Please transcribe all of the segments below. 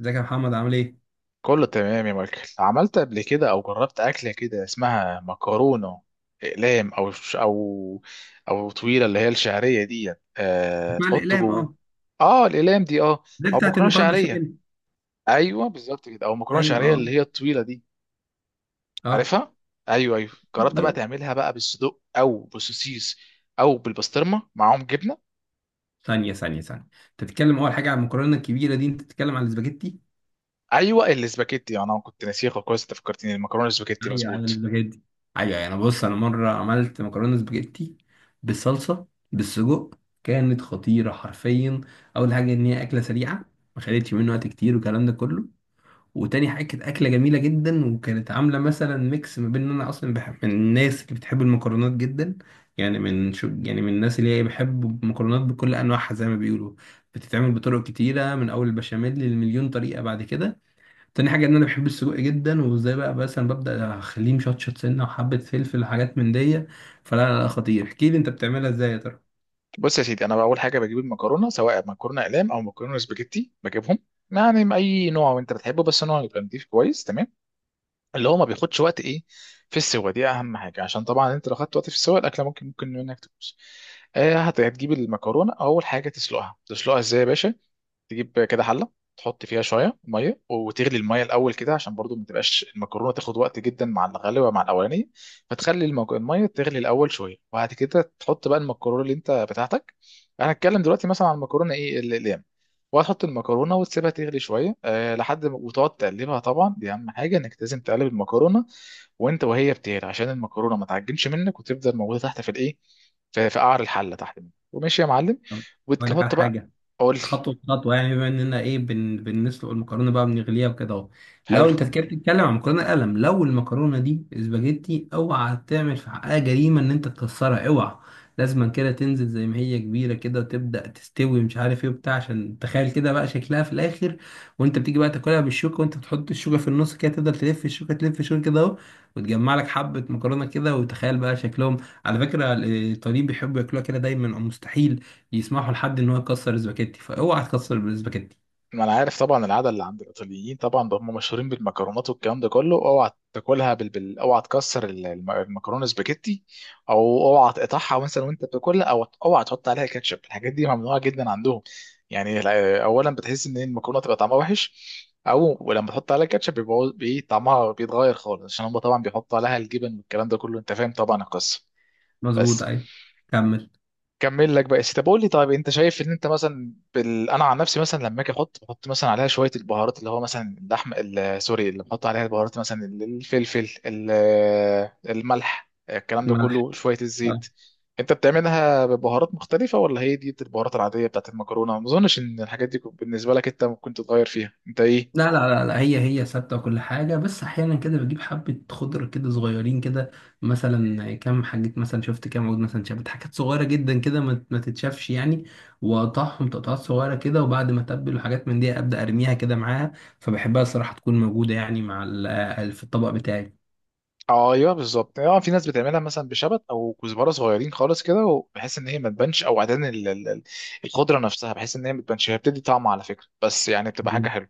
ازيك يا محمد عامل ايه؟ كله تمام يا مايكل. عملت قبل كده او جربت اكله كده اسمها مكرونه اقلام او او طويله اللي هي الشعريه دي؟ أه، اسماع تحط الاقلام جوه اه، اه الاقلام دي اه. دي او بتاعت مكرونه المكرونه شعريه. بالبشاميل. ايوه بالظبط كده، او مكرونه ايوه شعريه اه. اللي هي الطويله دي. اه عارفها؟ ايوه ايوه. ايوه جربت بقى أيوة. تعملها بقى بالصدق او بالسوسيس او بالبسطرمه معاهم جبنه؟ ثانيه، انت بتتكلم اول حاجه عن المكرونه الكبيره دي، انت بتتكلم عن الاسباجيتي. ايوه الاسباجيتي، انا كنت ناسيها كويس، انت فكرتني المكرونه الاسباجيتي ايوه ايوه مظبوط. الاسباجيتي. ايوه، انا بص مره عملت مكرونه سباجيتي بالصلصه بالسجق، كانت خطيره حرفيا. اول حاجه ان هي اكله سريعه، ما خدتش مني وقت كتير والكلام ده كله. وتاني حاجة كانت أكلة جميلة جدا، وكانت عاملة مثلا ميكس ما بين إن أنا أصلا بحب، من الناس اللي بتحب المكرونات جدا. يعني من شو يعني من الناس اللي هي بحب المكرونات بكل أنواعها، زي ما بيقولوا بتتعمل بطرق كتيرة، من أول البشاميل للمليون طريقة بعد كده. تاني حاجة إن أنا بحب السجق جدا، وإزاي بقى مثلا ببدأ أخليه مشطشط سنة وحبة فلفل وحاجات من دي. فلا لا لا خطير، احكيلي أنت بتعملها إزاي يا ترى. بص يا سيدي، انا اول حاجه بجيب المكرونه، سواء مكرونه اقلام او مكرونه سباجيتي بجيبهم يعني من اي نوع انت بتحبه، بس نوع يبقى نضيف كويس، تمام. اللي هو ما بياخدش وقت ايه في السوا، دي اهم حاجه، عشان طبعا انت لو خدت وقت في السوا الاكله ممكن منك تبوظ. آه، هتجيب المكرونه اول حاجه تسلقها. تسلقها ازاي يا باشا؟ تجيب كده حله، تحط فيها شويه ميه وتغلي الميه الاول كده، عشان برضو ما تبقاش المكرونه تاخد وقت جدا مع الغلوه مع الاولاني. فتخلي الميه تغلي الاول شويه وبعد كده تحط بقى المكرونه اللي انت بتاعتك. انا هتكلم دلوقتي مثلا عن المكرونه ايه الايام. وهتحط المكرونه وتسيبها تغلي شويه أه لحد ما- وتقعد تقلبها. طبعا دي اهم حاجه، انك لازم تقلب المكرونه وانت وهي بتغلي، عشان المكرونه ما تعجنش منك وتفضل موجوده تحت في الايه، في قعر الحله تحت منك، وماشي يا معلم. أقول لك على وتحط بقى. حاجة، قول لي. خطوة بخطوة، يعني بما اننا ايه بنسلق المكرونة بقى، بنغليها وكده اهو. لو حلو. انت كده بتتكلم عن مكرونة قلم، لو المكرونة دي اسباجيتي، اوعى تعمل في حقها جريمة ان انت تكسرها، اوعى. لازما كده تنزل زي ما هي كبيرة كده وتبدأ تستوي مش عارف ايه وبتاع، عشان تخيل كده بقى شكلها في الاخر. وانت بتيجي بقى تاكلها بالشوكة، وانت بتحط الشوكة في النص كده تفضل تلف الشوكة، تلف الشوكة كده اهو، وتجمع لك حبة مكرونة كده، وتخيل بقى شكلهم. على فكرة الإيطاليين بيحبوا ياكلوها كده دايما، او مستحيل يسمحوا لحد ان هو يكسر الاسباجيتي، فاوعى تكسر الاسباجيتي. ما انا عارف طبعا العاده اللي عند الايطاليين، طبعا ده هم مشهورين بالمكرونات والكلام ده كله، اوعى تاكلها اوعى تكسر المكرونه سباجيتي، او اوعى تقطعها مثلا وانت بتاكلها، او اوعى تحط عليها كاتشب. الحاجات دي ممنوعه جدا عندهم. يعني اولا بتحس ان المكرونه تبقى طعمها وحش، او ولما تحط عليها كاتشب بيبقى طعمها بيتغير خالص، عشان هم طبعا بيحطوا عليها الجبن والكلام ده كله، انت فاهم طبعا القصه. مظبوط بس. ايوه. كمل. كمل لك بقى. طب قول لي، طيب انت شايف ان انت مثلا انا عن نفسي مثلا لما اجي احط، بحط مثلا عليها شويه البهارات اللي هو مثلا اللحم سوري اللي بحط عليها البهارات، مثلا الفلفل الملح، الكلام ده ملح كله، شويه آه. الزيت. انت بتعملها ببهارات مختلفه ولا هي دي البهارات العاديه بتاعت المكرونه؟ ما اظنش ان الحاجات دي بالنسبه لك انت ممكن تتغير فيها انت ايه. لا هي ثابته وكل حاجه، بس احيانا كده بجيب حبه خضره كده صغيرين كده، مثلا كام حاجه، مثلا شفت كام عود، مثلا شافت حاجات صغيره جدا كده ما تتشافش يعني، واقطعهم تقطعات صغيره كده، وبعد ما اتبل وحاجات من دي ابدا ارميها كده معاها. فبحبها الصراحه تكون موجوده يعني مع في الطبق بتاعي. اه ايوه بالظبط. اه في ناس بتعملها مثلا بشبت او كزبره صغيرين خالص كده، وبحيث ان هي ما تبانش، او عدن الخضره نفسها بحيث ان هي ما تبانش، هي بتدي طعم على فكره، بس يعني بتبقى حاجه حلوه.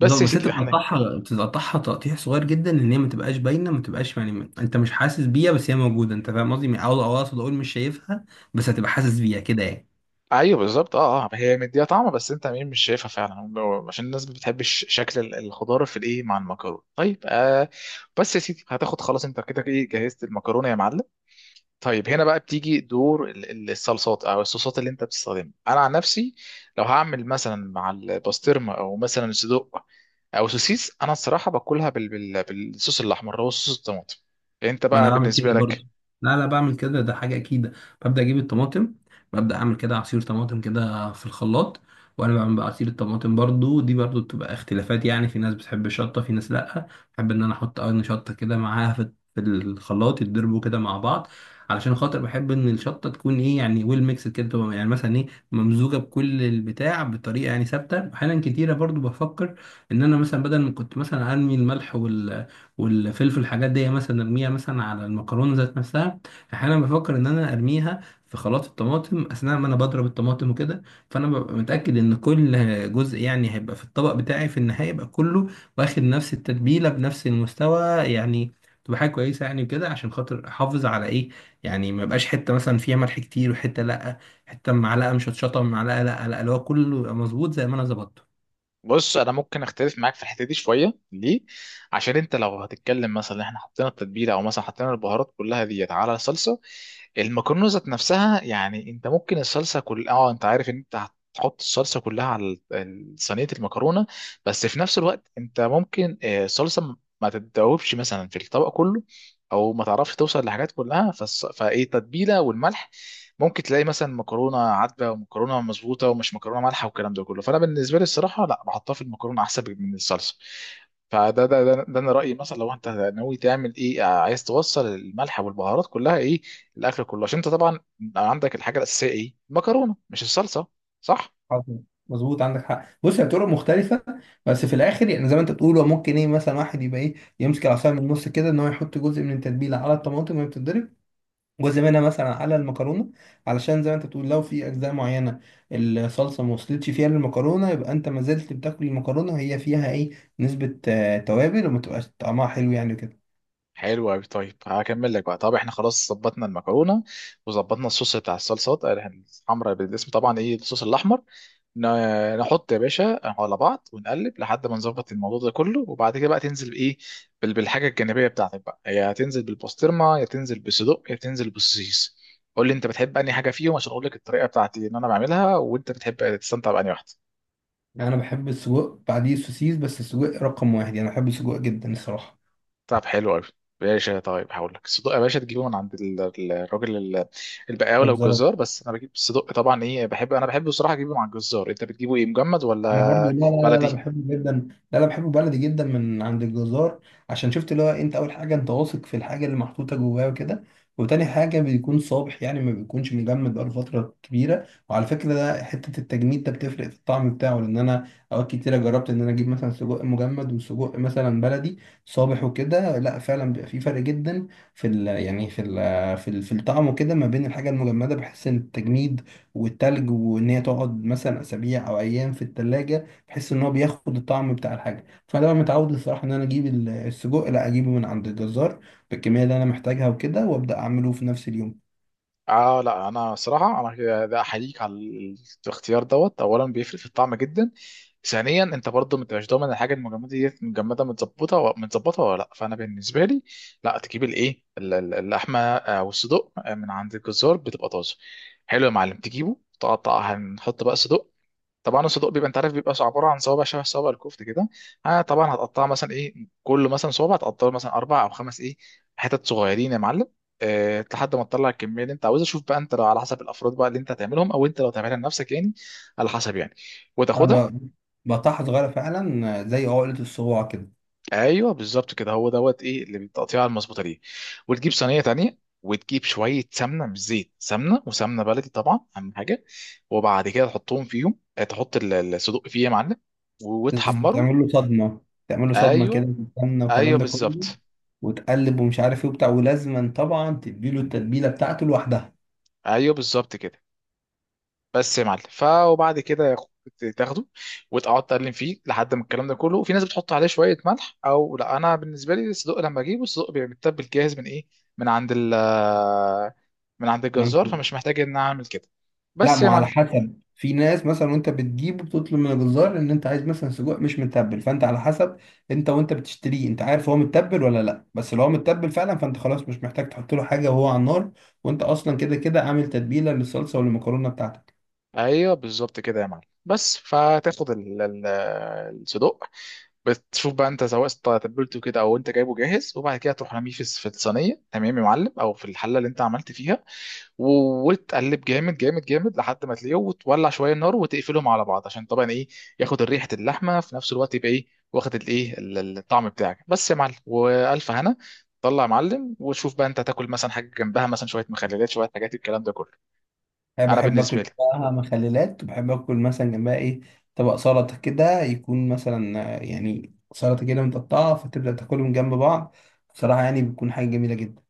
بس بالظبط. يا بس انت سيدي احنا. بتقطعها تقطيع صغير جدا، ان هي ما تبقاش باينه، ما تبقاش يعني انت مش حاسس بيها، بس هي موجوده. انت فاهم قصدي، او اقصد اقول مش شايفها، بس هتبقى حاسس بيها كده يعني. ايوه بالظبط، اه اه هي مديها طعم بس انت مين مش شايفها فعلا، عشان الناس ما بتحبش شكل الخضار في الايه مع المكرونه. طيب آه، بس يا سيدي هتاخد خلاص انت كده ايه، جهزت المكرونه يا معلم. طيب هنا بقى بتيجي دور الصلصات او الصوصات اللي انت بتستخدمها. انا عن نفسي لو هعمل مثلا مع البسطرمه او مثلا صدق او سوسيس، انا الصراحه باكلها بالصوص الاحمر، هو صوص الطماطم. انت ما انا بقى بعمل كده بالنسبه برضو. لك؟ لا بعمل كده، ده حاجه اكيده. ببدا اجيب الطماطم، ببدا اعمل كده عصير طماطم كده في الخلاط. وانا بعمل بقى عصير الطماطم، برضو دي برضو بتبقى اختلافات، يعني في ناس بتحب الشطه، في ناس لا. بحب ان انا احط قرن شطه كده معاها في الخلاط، يتضربوا كده مع بعض، علشان خاطر بحب ان الشطه تكون ايه، يعني ويل ميكس كده، تبقى يعني مثلا ايه، ممزوجه بكل البتاع بطريقه يعني ثابته. احيانا كتيره برضو بفكر ان انا مثلا بدل ما كنت مثلا ارمي الملح وال والفلفل الحاجات دي مثلا ارميها مثلا على المكرونه ذات نفسها، احيانا بفكر ان انا ارميها في خلاط الطماطم اثناء ما انا بضرب الطماطم وكده. فانا ببقى متاكد ان كل جزء يعني هيبقى في الطبق بتاعي في النهايه يبقى كله واخد نفس التتبيله بنفس المستوى، يعني تبقى حاجه كويسه يعني كده عشان خاطر احافظ على ايه، يعني ما يبقاش حته مثلا فيها ملح كتير وحته لا، حته معلقه مشطشطه معلقه لا اللي هو كله يبقى مظبوط زي ما انا ظبطته. بص، انا ممكن اختلف معاك في الحته دي شويه. ليه؟ عشان انت لو هتتكلم مثلا إن احنا حطينا التتبيله او مثلا حطينا البهارات كلها ديت على الصلصه، المكرونه ذات نفسها يعني انت ممكن الصلصه كل اه، انت عارف ان انت هتحط الصلصه كلها على صينيه المكرونه. بس في نفس الوقت انت ممكن آه، الصلصه ما تتذوبش مثلا في الطبق كله، او ما تعرفش توصل لحاجات كلها فايه التتبيله والملح، ممكن تلاقي مثلا مكرونه عدبه ومكرونه مظبوطه ومش مكرونه مالحه والكلام ده كله. فانا بالنسبه لي الصراحه لا، بحطها في المكرونه احسن من الصلصه. فده ده ده, ده انا رايي. مثلا لو انت ناوي تعمل ايه آه، عايز توصل الملح والبهارات كلها ايه الاكل كله، عشان انت طبعا عندك الحاجه الاساسيه ايه المكرونه مش الصلصه. صح؟ حصل. مظبوط، عندك حق. بص هي طرق مختلفة، بس في الآخر يعني زي ما أنت بتقول، هو ممكن إيه مثلا واحد يبقى إيه يمسك العصاية من النص كده، إن هو يحط جزء من التتبيلة على الطماطم وهي بتتضرب، جزء منها مثلا على المكرونة، علشان زي ما أنت بتقول لو في أجزاء معينة الصلصة ما وصلتش فيها للمكرونة، يبقى أنت ما زلت بتاكل المكرونة وهي فيها إيه، نسبة آه، توابل، وما تبقاش طعمها حلو يعني كده. حلو قوي. طيب هكمل لك بقى. طب احنا خلاص ظبطنا المكرونه وظبطنا الصوص بتاع الصلصات آه، يعني الحمراء بالاسم طبعا ايه الصوص الاحمر. نحط يا باشا على بعض ونقلب لحد ما نظبط الموضوع ده كله، وبعد كده بقى تنزل بايه، بالحاجه الجانبيه بتاعتك بقى، يا هتنزل بالبسطرمه يا تنزل بالصدق يا تنزل بالسوسيس. قول لي انت بتحب انهي حاجه فيهم عشان اقول لك الطريقه بتاعتي ان انا بعملها وانت بتحب تستمتع بانهي واحده. أنا بحب السجق بعديه السوسيس، بس السجق رقم واحد، يعني أنا بحب السجق جدا الصراحة. طب حلو قوي باشا. طيب هقول لك، الصدق يا باشا تجيبه من عند الراجل البقاوي او بالظبط. الجزار. بس انا بجيب الصدق طبعا ايه، بحب انا، بحب بصراحه اجيبه مع الجزار. انت بتجيبه ايه، مجمد انا برضو، لا ولا لا لا لا بلدي؟ بحبه جدا. لا بحبه بلدي جدا من عند الجزار، عشان شفت اللي هو انت اول حاجه انت واثق في الحاجه اللي محطوطه جواه وكده، وتاني حاجه بيكون صابح، يعني ما بيكونش مجمد بقاله فتره كبيره. وعلى فكره ده حته التجميد ده بتفرق في الطعم بتاعه، لان انا اوقات كتيره جربت ان انا اجيب مثلا سجق مجمد وسجق مثلا بلدي صابح وكده، لا فعلا بيبقى في فرق جدا في ال، يعني في ال في الطعم وكده، ما بين الحاجه المجمده، بحس ان التجميد والتلج وان هي تقعد مثلا اسابيع او ايام في التلاجة، بحيث ان هو بياخد الطعم بتاع الحاجه. فانا بقى متعود الصراحه ان انا اجيب السجق، لا اجيبه من عند الجزار بالكميه اللي انا محتاجها وكده، وابدا اعمله في نفس اليوم. اه لا انا صراحه انا ده احييك على الاختيار دوت. اولا بيفرق في الطعم جدا. ثانيا انت برضه ما انتش ضامن الحاجه المجمده دي مجمده متظبطه متظبطه ولا لا. فانا بالنسبه لي لا، تجيب الايه اللحمه آه، والصدوق آه، من عند الجزار بتبقى طازه. حلو يا معلم، تجيبه تقطع، هنحط بقى صدق. طبعا الصدوق بيبقى انت عارف بيبقى عباره عن صوابع شبه صوابع الكفت كده. آه طبعا هتقطعها مثلا ايه، كل مثلا صوابع هتقطعه مثلا اربع او خمس ايه، حتت صغيرين يا معلم، آه لحد ما تطلع الكميه اللي انت عاوزها. شوف بقى انت لو على حسب الافراد بقى اللي انت هتعملهم، او انت لو تعملها لنفسك يعني، على حسب يعني، انا وتاخدها. ب- بقطعها صغيره فعلا زي عقله الصباع كده. ايوه بالظبط كده، هو دوت ايه اللي بالتقطيعه المظبوطه دي. وتجيب صينيه تانيه وتجيب شويه سمنه، مش زيت، سمنه، وسمنه بلدي طبعا اهم حاجه. وبعد كده تحطهم فيهم آه، تحط الصدوق فيه يا معلم، وتحمره. تعمل له صدمه، تعمل له صدمه كده ايوه. بالسمنه والكلام ايوه ده كله، بالظبط. وتقلب ومش عارف ايه وبتاع، ولازما طبعا تديله التتبيله بتاعته لوحدها. ايوه بالظبط كده. بس يا معلم ف وبعد كده تاخده وتقعد تقلم فيه لحد ما الكلام ده كله. وفي ناس بتحط عليه شويه ملح او لا، انا بالنسبه لي الصدق لما اجيبه، الصدق بيبقى متبل جاهز من ايه، من عند من عند الجزار، فمش محتاج ان أنا اعمل كده. لا بس ما يا هو على معلم. حسب، في ناس مثلا وانت بتجيبه بتطلب من الجزار ان انت عايز مثلا سجق مش متبل، فانت على حسب انت وانت بتشتريه انت عارف هو متبل ولا لا، بس لو هو متبل فعلا فانت خلاص مش محتاج تحط له حاجه وهو على النار، وانت اصلا كده كده عامل تتبيله للصلصه والمكرونه بتاعتك. ايوه بالظبط كده يا معلم. بس فتاخد الصدق، بتشوف بقى انت سواء تبلته كده او انت جايبه جاهز، وبعد كده تروح رميه في الصينيه تمام يا معلم، او في الحله اللي انت عملت فيها. وتقلب جامد جامد جامد لحد ما تلاقيه، وتولع شويه النار وتقفلهم على بعض، عشان طبعا ايه ياخد ريحه اللحمه في نفس الوقت، يبقى ايه واخد الايه الطعم بتاعك. بس يا معلم والف هنا طلع يا معلم. وشوف بقى انت هتاكل مثلا حاجه جنبها، مثلا شويه مخللات، شويه حاجات الكلام ده كله. انا انا بحب بالنسبه لي. اكل بقى مخللات، وبحب اكل مثلا جنبها ايه، طبق سلطه كده يكون مثلا آه، يعني سلطه كده متقطعه، فتبدا تاكلهم جنب بعض، بصراحه يعني بتكون حاجه جميله جدا.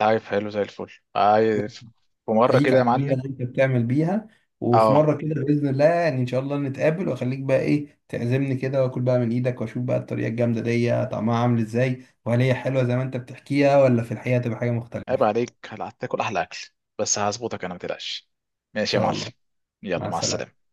عارف، حلو زي الفل، عارف. في مره احييك كده يا على الطريقه معلم. اللي انت بتعمل بيها، وفي اه مره كده باذن الله، يعني ان شاء الله نتقابل واخليك بقى ايه تعزمني كده، واكل بقى من ايدك واشوف بقى الطريقه الجامده دي طعمها عامل ازاي، وهل هي حلوه زي ما انت بتحكيها ولا في الحقيقه تبقى حاجه مختلفه. ان عيب عليك، هتاكل احلى اكل، بس هظبطك انا ما تقلقش. ماشي يا شاء معلم. الله. مع يلا، مع السلامه. السلامه.